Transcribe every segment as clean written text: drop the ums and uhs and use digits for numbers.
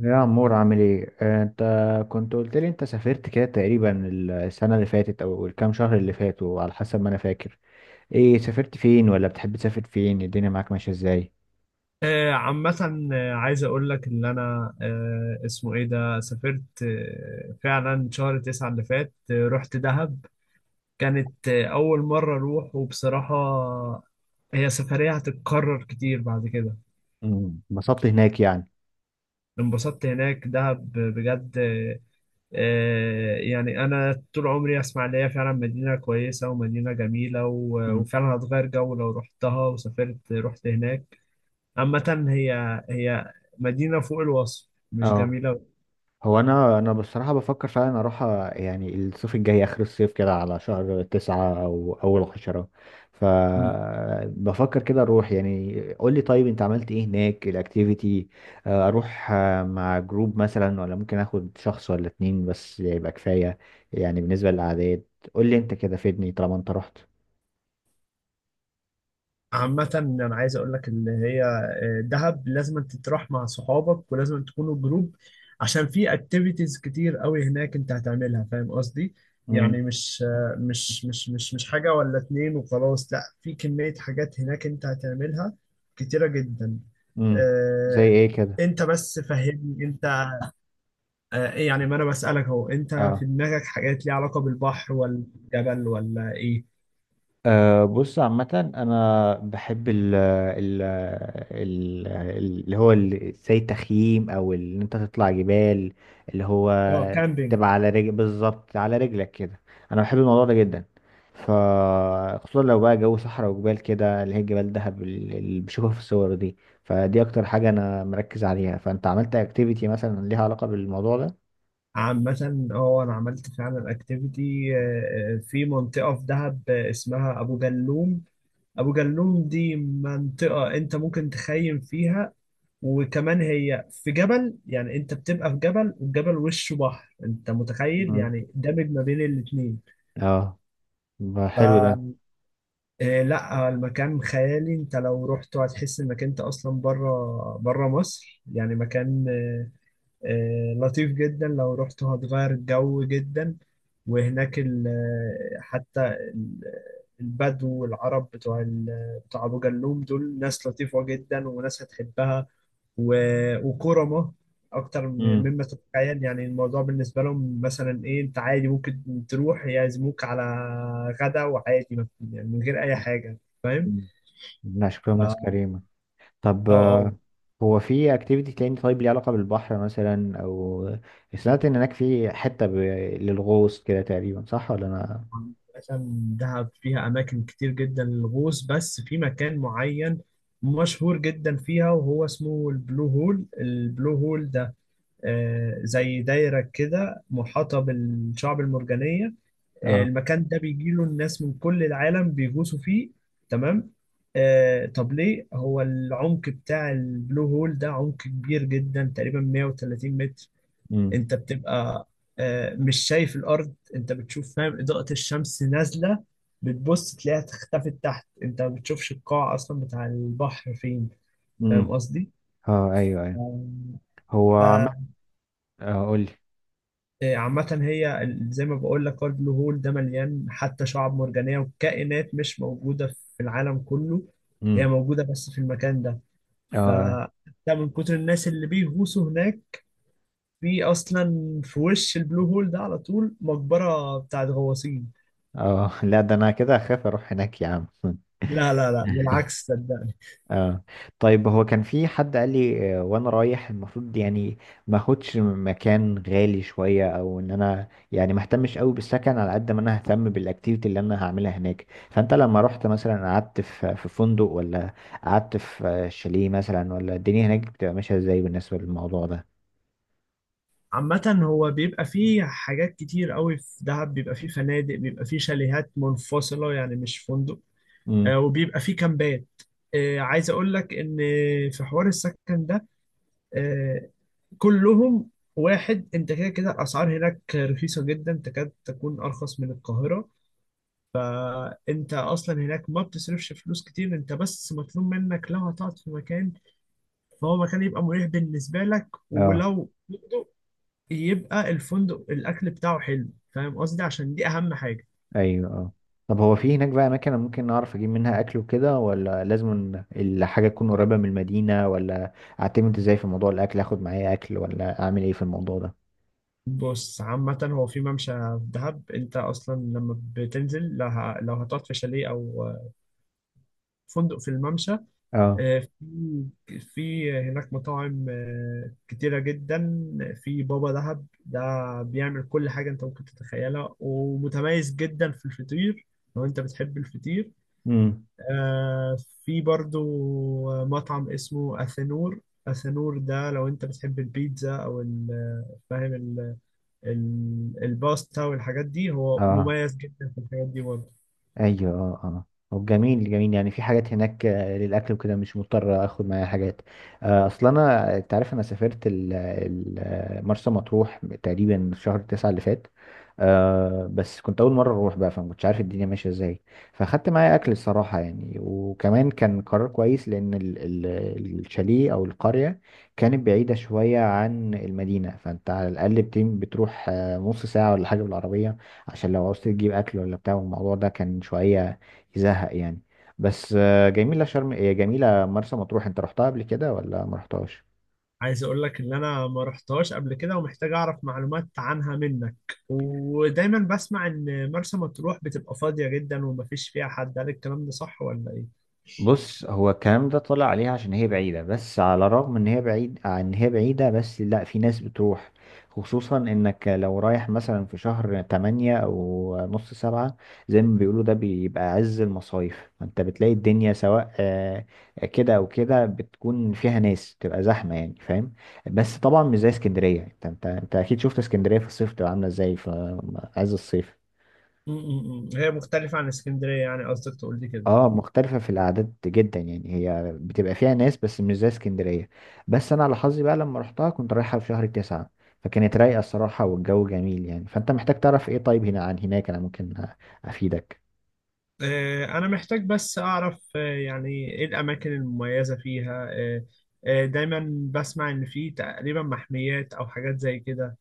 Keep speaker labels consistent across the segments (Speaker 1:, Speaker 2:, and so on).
Speaker 1: يا عمور، عامل ايه؟ انت كنت قلت لي انت سافرت كده تقريبا السنة اللي فاتت او الكام شهر اللي فاتوا، على حسب ما انا فاكر. ايه، سافرت فين؟ ولا بتحب تسافر فين؟ الدنيا معاك ماشية ازاي؟
Speaker 2: عامة عايز أقول لك إن أنا، اسمه إيه ده، سافرت فعلا شهر تسعة اللي فات، رحت دهب. كانت أول مرة أروح، وبصراحة هي سفرية هتتكرر كتير بعد كده.
Speaker 1: اتبسطت هناك يعني؟
Speaker 2: انبسطت هناك، دهب بجد. يعني أنا طول عمري أسمع إن هي فعلا مدينة كويسة ومدينة جميلة، و-
Speaker 1: مم،
Speaker 2: وفعلا هتغير جو لو رحتها وسافرت، رحت هناك. عامة هي، هي مدينة فوق الوصف، مش
Speaker 1: اه
Speaker 2: جميلة.
Speaker 1: هو انا بصراحه بفكر فعلا اروح، يعني الصيف الجاي اخر الصيف كده، على شهر تسعة او اول عشرة. فبفكر كده اروح، يعني قول لي طيب، انت عملت ايه هناك، الاكتيفيتي؟ اروح مع جروب مثلا، ولا ممكن اخد شخص ولا اتنين بس يبقى كفايه، يعني بالنسبه للاعداد. قول لي انت كده، فيدني طالما انت رحت.
Speaker 2: عامة أنا عايز أقول لك إن هي، دهب، لازم تروح مع صحابك، ولازم تكونوا جروب عشان في أكتيفيتيز كتير قوي هناك أنت هتعملها. فاهم قصدي؟ يعني
Speaker 1: امم،
Speaker 2: مش آه، مش مش مش مش حاجة ولا اتنين وخلاص، لا، في كمية حاجات هناك أنت هتعملها كتيرة جدا
Speaker 1: امم. زي
Speaker 2: آه،
Speaker 1: ايه كده؟
Speaker 2: أنت بس فهمني أنت، يعني ما أنا بسألك أهو، أنت في دماغك حاجات ليها علاقة بالبحر ولا الجبل ولا إيه؟
Speaker 1: أه، بص، عامة أنا بحب ال ال ال اللي هو ال- زي التخييم، أو إن أنت تطلع جبال، اللي هو
Speaker 2: أه، كامبينج.
Speaker 1: تبقى على رجل، بالظبط على رجلك كده. أنا بحب الموضوع ده جدا. ف خصوصا لو بقى جو صحراء وجبال كده، اللي هي جبال دهب، اللي بشوفها في الصور دي. فدي أكتر حاجة أنا مركز عليها. فأنت عملت أكتيفيتي مثلا ليها علاقة بالموضوع ده؟
Speaker 2: عامة اه، انا عملت فعلا اكتيفيتي في منطقة في دهب، اسمها ابو جلوم. ابو جلوم دي منطقة انت ممكن تخيم فيها، وكمان هي في جبل، يعني انت بتبقى في جبل، والجبل وشه بحر، انت متخيل؟
Speaker 1: مم.
Speaker 2: يعني دمج ما بين الاتنين.
Speaker 1: اه، يبقى
Speaker 2: ف
Speaker 1: حلو ده.
Speaker 2: لا، المكان خيالي، انت لو رحت هتحس انك انت اصلا بره بره مصر، يعني مكان لطيف جدا، لو رحت هتغير الجو جدا. وهناك حتى البدو والعرب بتوع بتوع أبو جلوم دول ناس لطيفة جدا وناس هتحبها، و- وكرمة أكتر
Speaker 1: مم.
Speaker 2: مما تتخيل. يعني الموضوع بالنسبة لهم مثلا إيه؟ أنت عادي ممكن تروح يعزموك على غدا، وعادي يعني من غير أي حاجة. فاهم؟
Speaker 1: مم. لا، شكلهم ناس
Speaker 2: اه،
Speaker 1: كريمة. طب،
Speaker 2: اه،
Speaker 1: هو في اكتيفيتي تاني طيب ليه علاقة بالبحر مثلا، او سمعت ان هناك في حتة للغوص كده تقريبا، صح ولا انا؟
Speaker 2: عشان دهب فيها أماكن كتير جدا للغوص، بس في مكان معين مشهور جدا فيها، وهو اسمه البلو هول. البلو هول ده زي دايرة كده محاطة بالشعب المرجانية.
Speaker 1: اه.
Speaker 2: المكان ده بيجيله الناس من كل العالم بيغوصوا فيه، تمام؟ طب ليه؟ هو العمق بتاع البلو هول ده عمق كبير جدا، تقريبا 130 متر.
Speaker 1: امم،
Speaker 2: انت بتبقى مش شايف الارض، انت بتشوف، فاهم، اضاءة الشمس نازلة، بتبص تلاقيها اختفت تحت، انت ما بتشوفش القاع اصلا بتاع البحر فين. فاهم
Speaker 1: امم.
Speaker 2: قصدي؟
Speaker 1: اه، ايوه، ايوه. هو عم اه، قول لي.
Speaker 2: فعامة هي، زي ما بقول لك، هو البلو هول ده مليان حتى شعاب مرجانية وكائنات مش موجودة في العالم كله، هي
Speaker 1: امم.
Speaker 2: موجودة بس في المكان ده.
Speaker 1: اه.
Speaker 2: فده من كتر الناس اللي بيغوصوا هناك، في أصلا في وش البلو هول ده على طول مقبرة بتاعت غواصين.
Speaker 1: اه. لا، ده انا كده اخاف اروح هناك، يا عم.
Speaker 2: لا، لا، لا، بالعكس صدقني.
Speaker 1: اه. طيب، هو كان في حد قال لي، وانا رايح المفروض، يعني، ما اخدش مكان غالي شويه، او ان انا يعني ما اهتمش قوي بالسكن على قد ما انا اهتم بالاكتيفيتي اللي انا هعملها هناك. فانت لما رحت مثلا قعدت في فندق، ولا قعدت في، شاليه مثلا، ولا الدنيا هناك بتبقى ماشيه ازاي بالنسبه للموضوع ده؟
Speaker 2: عامة هو بيبقى فيه حاجات كتير قوي في دهب، بيبقى فيه فنادق، بيبقى فيه شاليهات منفصلة يعني مش فندق،
Speaker 1: امم.
Speaker 2: وبيبقى فيه كامبات. عايز أقول لك إن في حوار السكن ده آه، كلهم واحد. أنت كده كده الأسعار هناك رخيصة جدا، تكاد تكون أرخص من القاهرة. أنت أصلا هناك ما بتصرفش فلوس كتير، أنت بس مطلوب منك، لو هتقعد في مكان فهو مكان يبقى مريح بالنسبة لك،
Speaker 1: اه،
Speaker 2: ولو يبقى الفندق الاكل بتاعه حلو. فاهم قصدي؟ عشان دي اهم حاجه.
Speaker 1: ايوه، اه. طب، هو في هناك بقى اماكن أنا ممكن اعرف اجيب منها اكل وكده، ولا لازم إن الحاجه تكون قريبه من المدينه، ولا اعتمد ازاي في موضوع الاكل؟ اخد معايا اكل، ولا اعمل ايه في الموضوع ده؟
Speaker 2: بص، عامة هو في ممشى في دهب، انت اصلا لما بتنزل، لو لو هتقعد في شاليه او فندق في الممشى،
Speaker 1: اه.
Speaker 2: آه، في في هناك مطاعم كتيرة جدا. في بابا دهب ده بيعمل كل حاجة انت ممكن تتخيلها، ومتميز جدا في الفطير لو انت بتحب الفطير.
Speaker 1: امم.
Speaker 2: آه، في برضو مطعم اسمه أثنور. أثنور ده لو أنت بتحب البيتزا أو، فاهم، الباستا والحاجات دي، هو
Speaker 1: اه،
Speaker 2: مميز جدا في الحاجات دي برضه.
Speaker 1: ايوه، اه، اه. طب جميل جميل، يعني في حاجات هناك للاكل وكده، مش مضطر اخد معايا حاجات. اصل انا، انت عارف، انا سافرت مرسى مطروح تقريبا في شهر تسعة اللي فات. بس كنت اول مره اروح بقى، فما كنتش عارف الدنيا ماشيه ازاي. فاخدت معايا اكل الصراحه يعني. وكمان كان قرار كويس، لان الشاليه او القريه كانت بعيده شويه عن المدينه. فانت على الاقل بتروح نص ساعه ولا حاجه بالعربيه، عشان لو عاوز تجيب اكل، ولا بتاع الموضوع ده كان شويه يزهق يعني. بس جميله شرم، هي جميله مرسى مطروح. انت رحتها قبل كده ولا ما رحتهاش؟
Speaker 2: عايز أقول لك إن أنا ما رحتهاش قبل كده، ومحتاج أعرف معلومات عنها منك. ودايما بسمع إن مرسى مطروح بتبقى فاضية جدا ومفيش فيها حد، هل الكلام ده صح ولا إيه؟
Speaker 1: بص، هو الكلام ده طلع عليها عشان هي بعيدة. بس على الرغم ان هي بعيدة، بس لا، في ناس بتروح، خصوصا انك لو رايح مثلا في شهر تمانية او نص سبعة، زي ما بيقولوا ده بيبقى عز المصايف. فانت بتلاقي الدنيا سواء، كده او كده، بتكون فيها ناس، بتبقى زحمة يعني، فاهم؟ بس طبعا مش زي اسكندرية. انت اكيد شفت اسكندرية في الصيف بتبقى عاملة ازاي في عز الصيف.
Speaker 2: م- م- م. هي مختلفة عن اسكندرية، يعني قصدك تقول لي كده؟
Speaker 1: اه، مختلفة في الأعداد جدا يعني، هي بتبقى فيها ناس بس مش زي اسكندرية. بس أنا على حظي بقى لما رحتها كنت رايحة في شهر تسعة، فكانت رايقة الصراحة والجو جميل يعني. فأنت محتاج تعرف ايه طيب هنا عن هناك أنا ممكن أفيدك.
Speaker 2: أنا محتاج بس أعرف، يعني إيه الأماكن المميزة فيها. دايما بسمع إن في تقريبا محميات أو حاجات زي كده،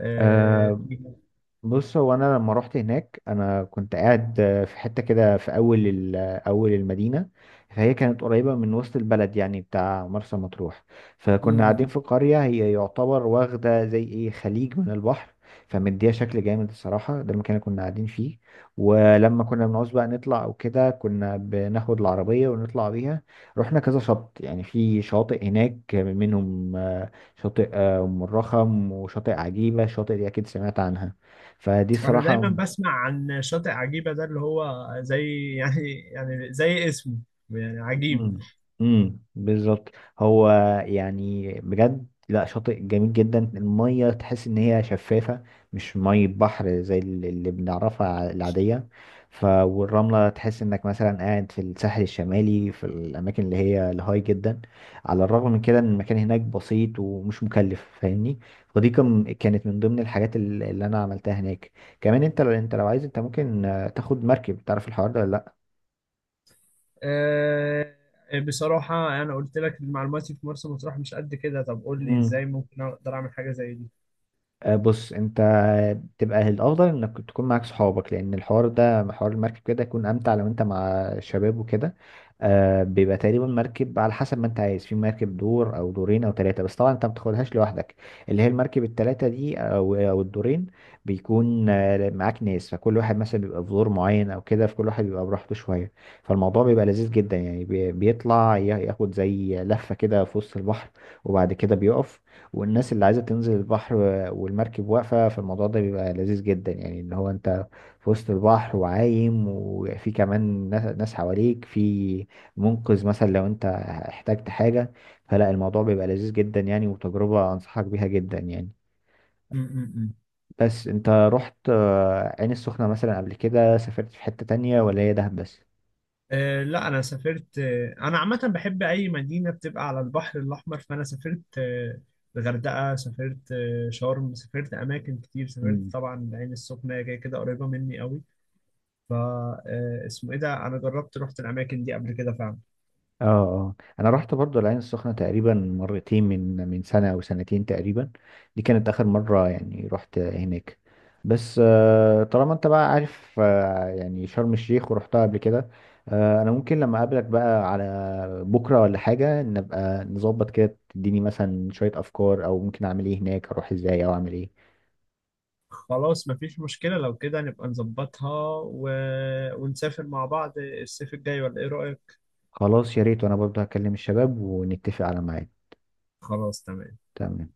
Speaker 1: آه،
Speaker 2: فيها.
Speaker 1: بص، هو انا لما رحت هناك انا كنت قاعد في حته كده في اول اول المدينه. فهي كانت قريبه من وسط البلد يعني بتاع مرسى مطروح. فكنا
Speaker 2: مم.
Speaker 1: قاعدين في قريه، هي يعتبر واخده زي ايه خليج من البحر. فمديها شكل جامد الصراحه، ده المكان اللي كنا قاعدين فيه. ولما كنا بنعوز بقى نطلع او كده، كنا بناخد العربيه ونطلع بيها. رحنا كذا شط، يعني في شاطئ هناك منهم، شاطئ، ام الرخم، وشاطئ عجيبه. الشاطئ دي اكيد سمعت عنها. فدي
Speaker 2: أنا
Speaker 1: صراحة.
Speaker 2: دايما بسمع عن شاطئ عجيبة ده، اللي هو زي يعني، يعني زي اسمه، يعني عجيب.
Speaker 1: امم. امم، بالظبط. هو يعني بجد، لا، شاطئ جميل جدا. المية تحس ان هي شفافة، مش مية بحر زي اللي بنعرفها العادية. والرملة تحس انك مثلا قاعد في الساحل الشمالي في الاماكن اللي هي الهاي جدا، على الرغم من كده ان المكان هناك بسيط ومش مكلف، فاهمني؟ ودي كانت من ضمن الحاجات اللي انا عملتها هناك. كمان انت لو، عايز، انت ممكن تاخد مركب، تعرف الحوار ده ولا؟
Speaker 2: آه، بصراحة أنا قلت لك معلوماتي في مرسى مطروح مش قد كده. طب قول لي
Speaker 1: لا،
Speaker 2: إزاي ممكن أقدر أعمل حاجة زي دي.
Speaker 1: بص، انت تبقى الافضل انك تكون معاك صحابك، لان الحوار ده حوار المركب كده يكون امتع لو انت مع شباب وكده. بيبقى تقريبا مركب على حسب ما انت عايز، في مركب دور او دورين او ثلاثه. بس طبعا انت ما بتاخدهاش لوحدك، اللي هي المركب الثلاثه دي او الدورين. بيكون معاك ناس، فكل واحد مثلا بيبقى في دور معين او كده، فكل واحد بيبقى براحته شويه. فالموضوع بيبقى لذيذ جدا يعني، بيطلع، ياخد زي لفه كده في وسط البحر، وبعد كده بيقف، والناس اللي عايزة تنزل البحر والمركب واقفة. فالموضوع ده بيبقى لذيذ جدا يعني، ان هو انت في وسط البحر وعايم، وفي كمان ناس، حواليك، في منقذ مثلا لو انت احتجت حاجة. فلا، الموضوع بيبقى لذيذ جدا يعني، وتجربة انصحك بيها جدا يعني.
Speaker 2: مم.
Speaker 1: بس انت رحت عين السخنة مثلا قبل كده، سافرت في حتة تانية ولا هي دهب بس؟
Speaker 2: لا، انا سافرت، انا عامه بحب اي مدينه بتبقى على البحر الاحمر، فانا سافرت الغردقه، سافرت شرم، سافرت اماكن كتير، سافرت طبعا العين السخنه هي كده كده قريبه مني قوي. ف اسمه ايه ده، انا جربت، رحت الاماكن دي قبل كده فعلا.
Speaker 1: اه، اه، انا رحت برضو العين السخنة تقريبا مرتين، من سنة او سنتين تقريبا. دي كانت اخر مرة يعني رحت هناك. بس طالما انت بقى عارف، يعني شرم الشيخ ورحتها قبل كده، انا ممكن لما اقابلك بقى على بكرة ولا حاجة نبقى نظبط كده، تديني مثلا شوية افكار او ممكن اعمل ايه هناك، اروح ازاي او اعمل ايه.
Speaker 2: خلاص، مفيش مشكله، لو كده نبقى نظبطها ونسافر مع بعض الصيف الجاي، ولا ايه رايك؟
Speaker 1: خلاص، يا ريت، وانا برضو هكلم الشباب ونتفق على ميعاد.
Speaker 2: خلاص تمام.
Speaker 1: تمام.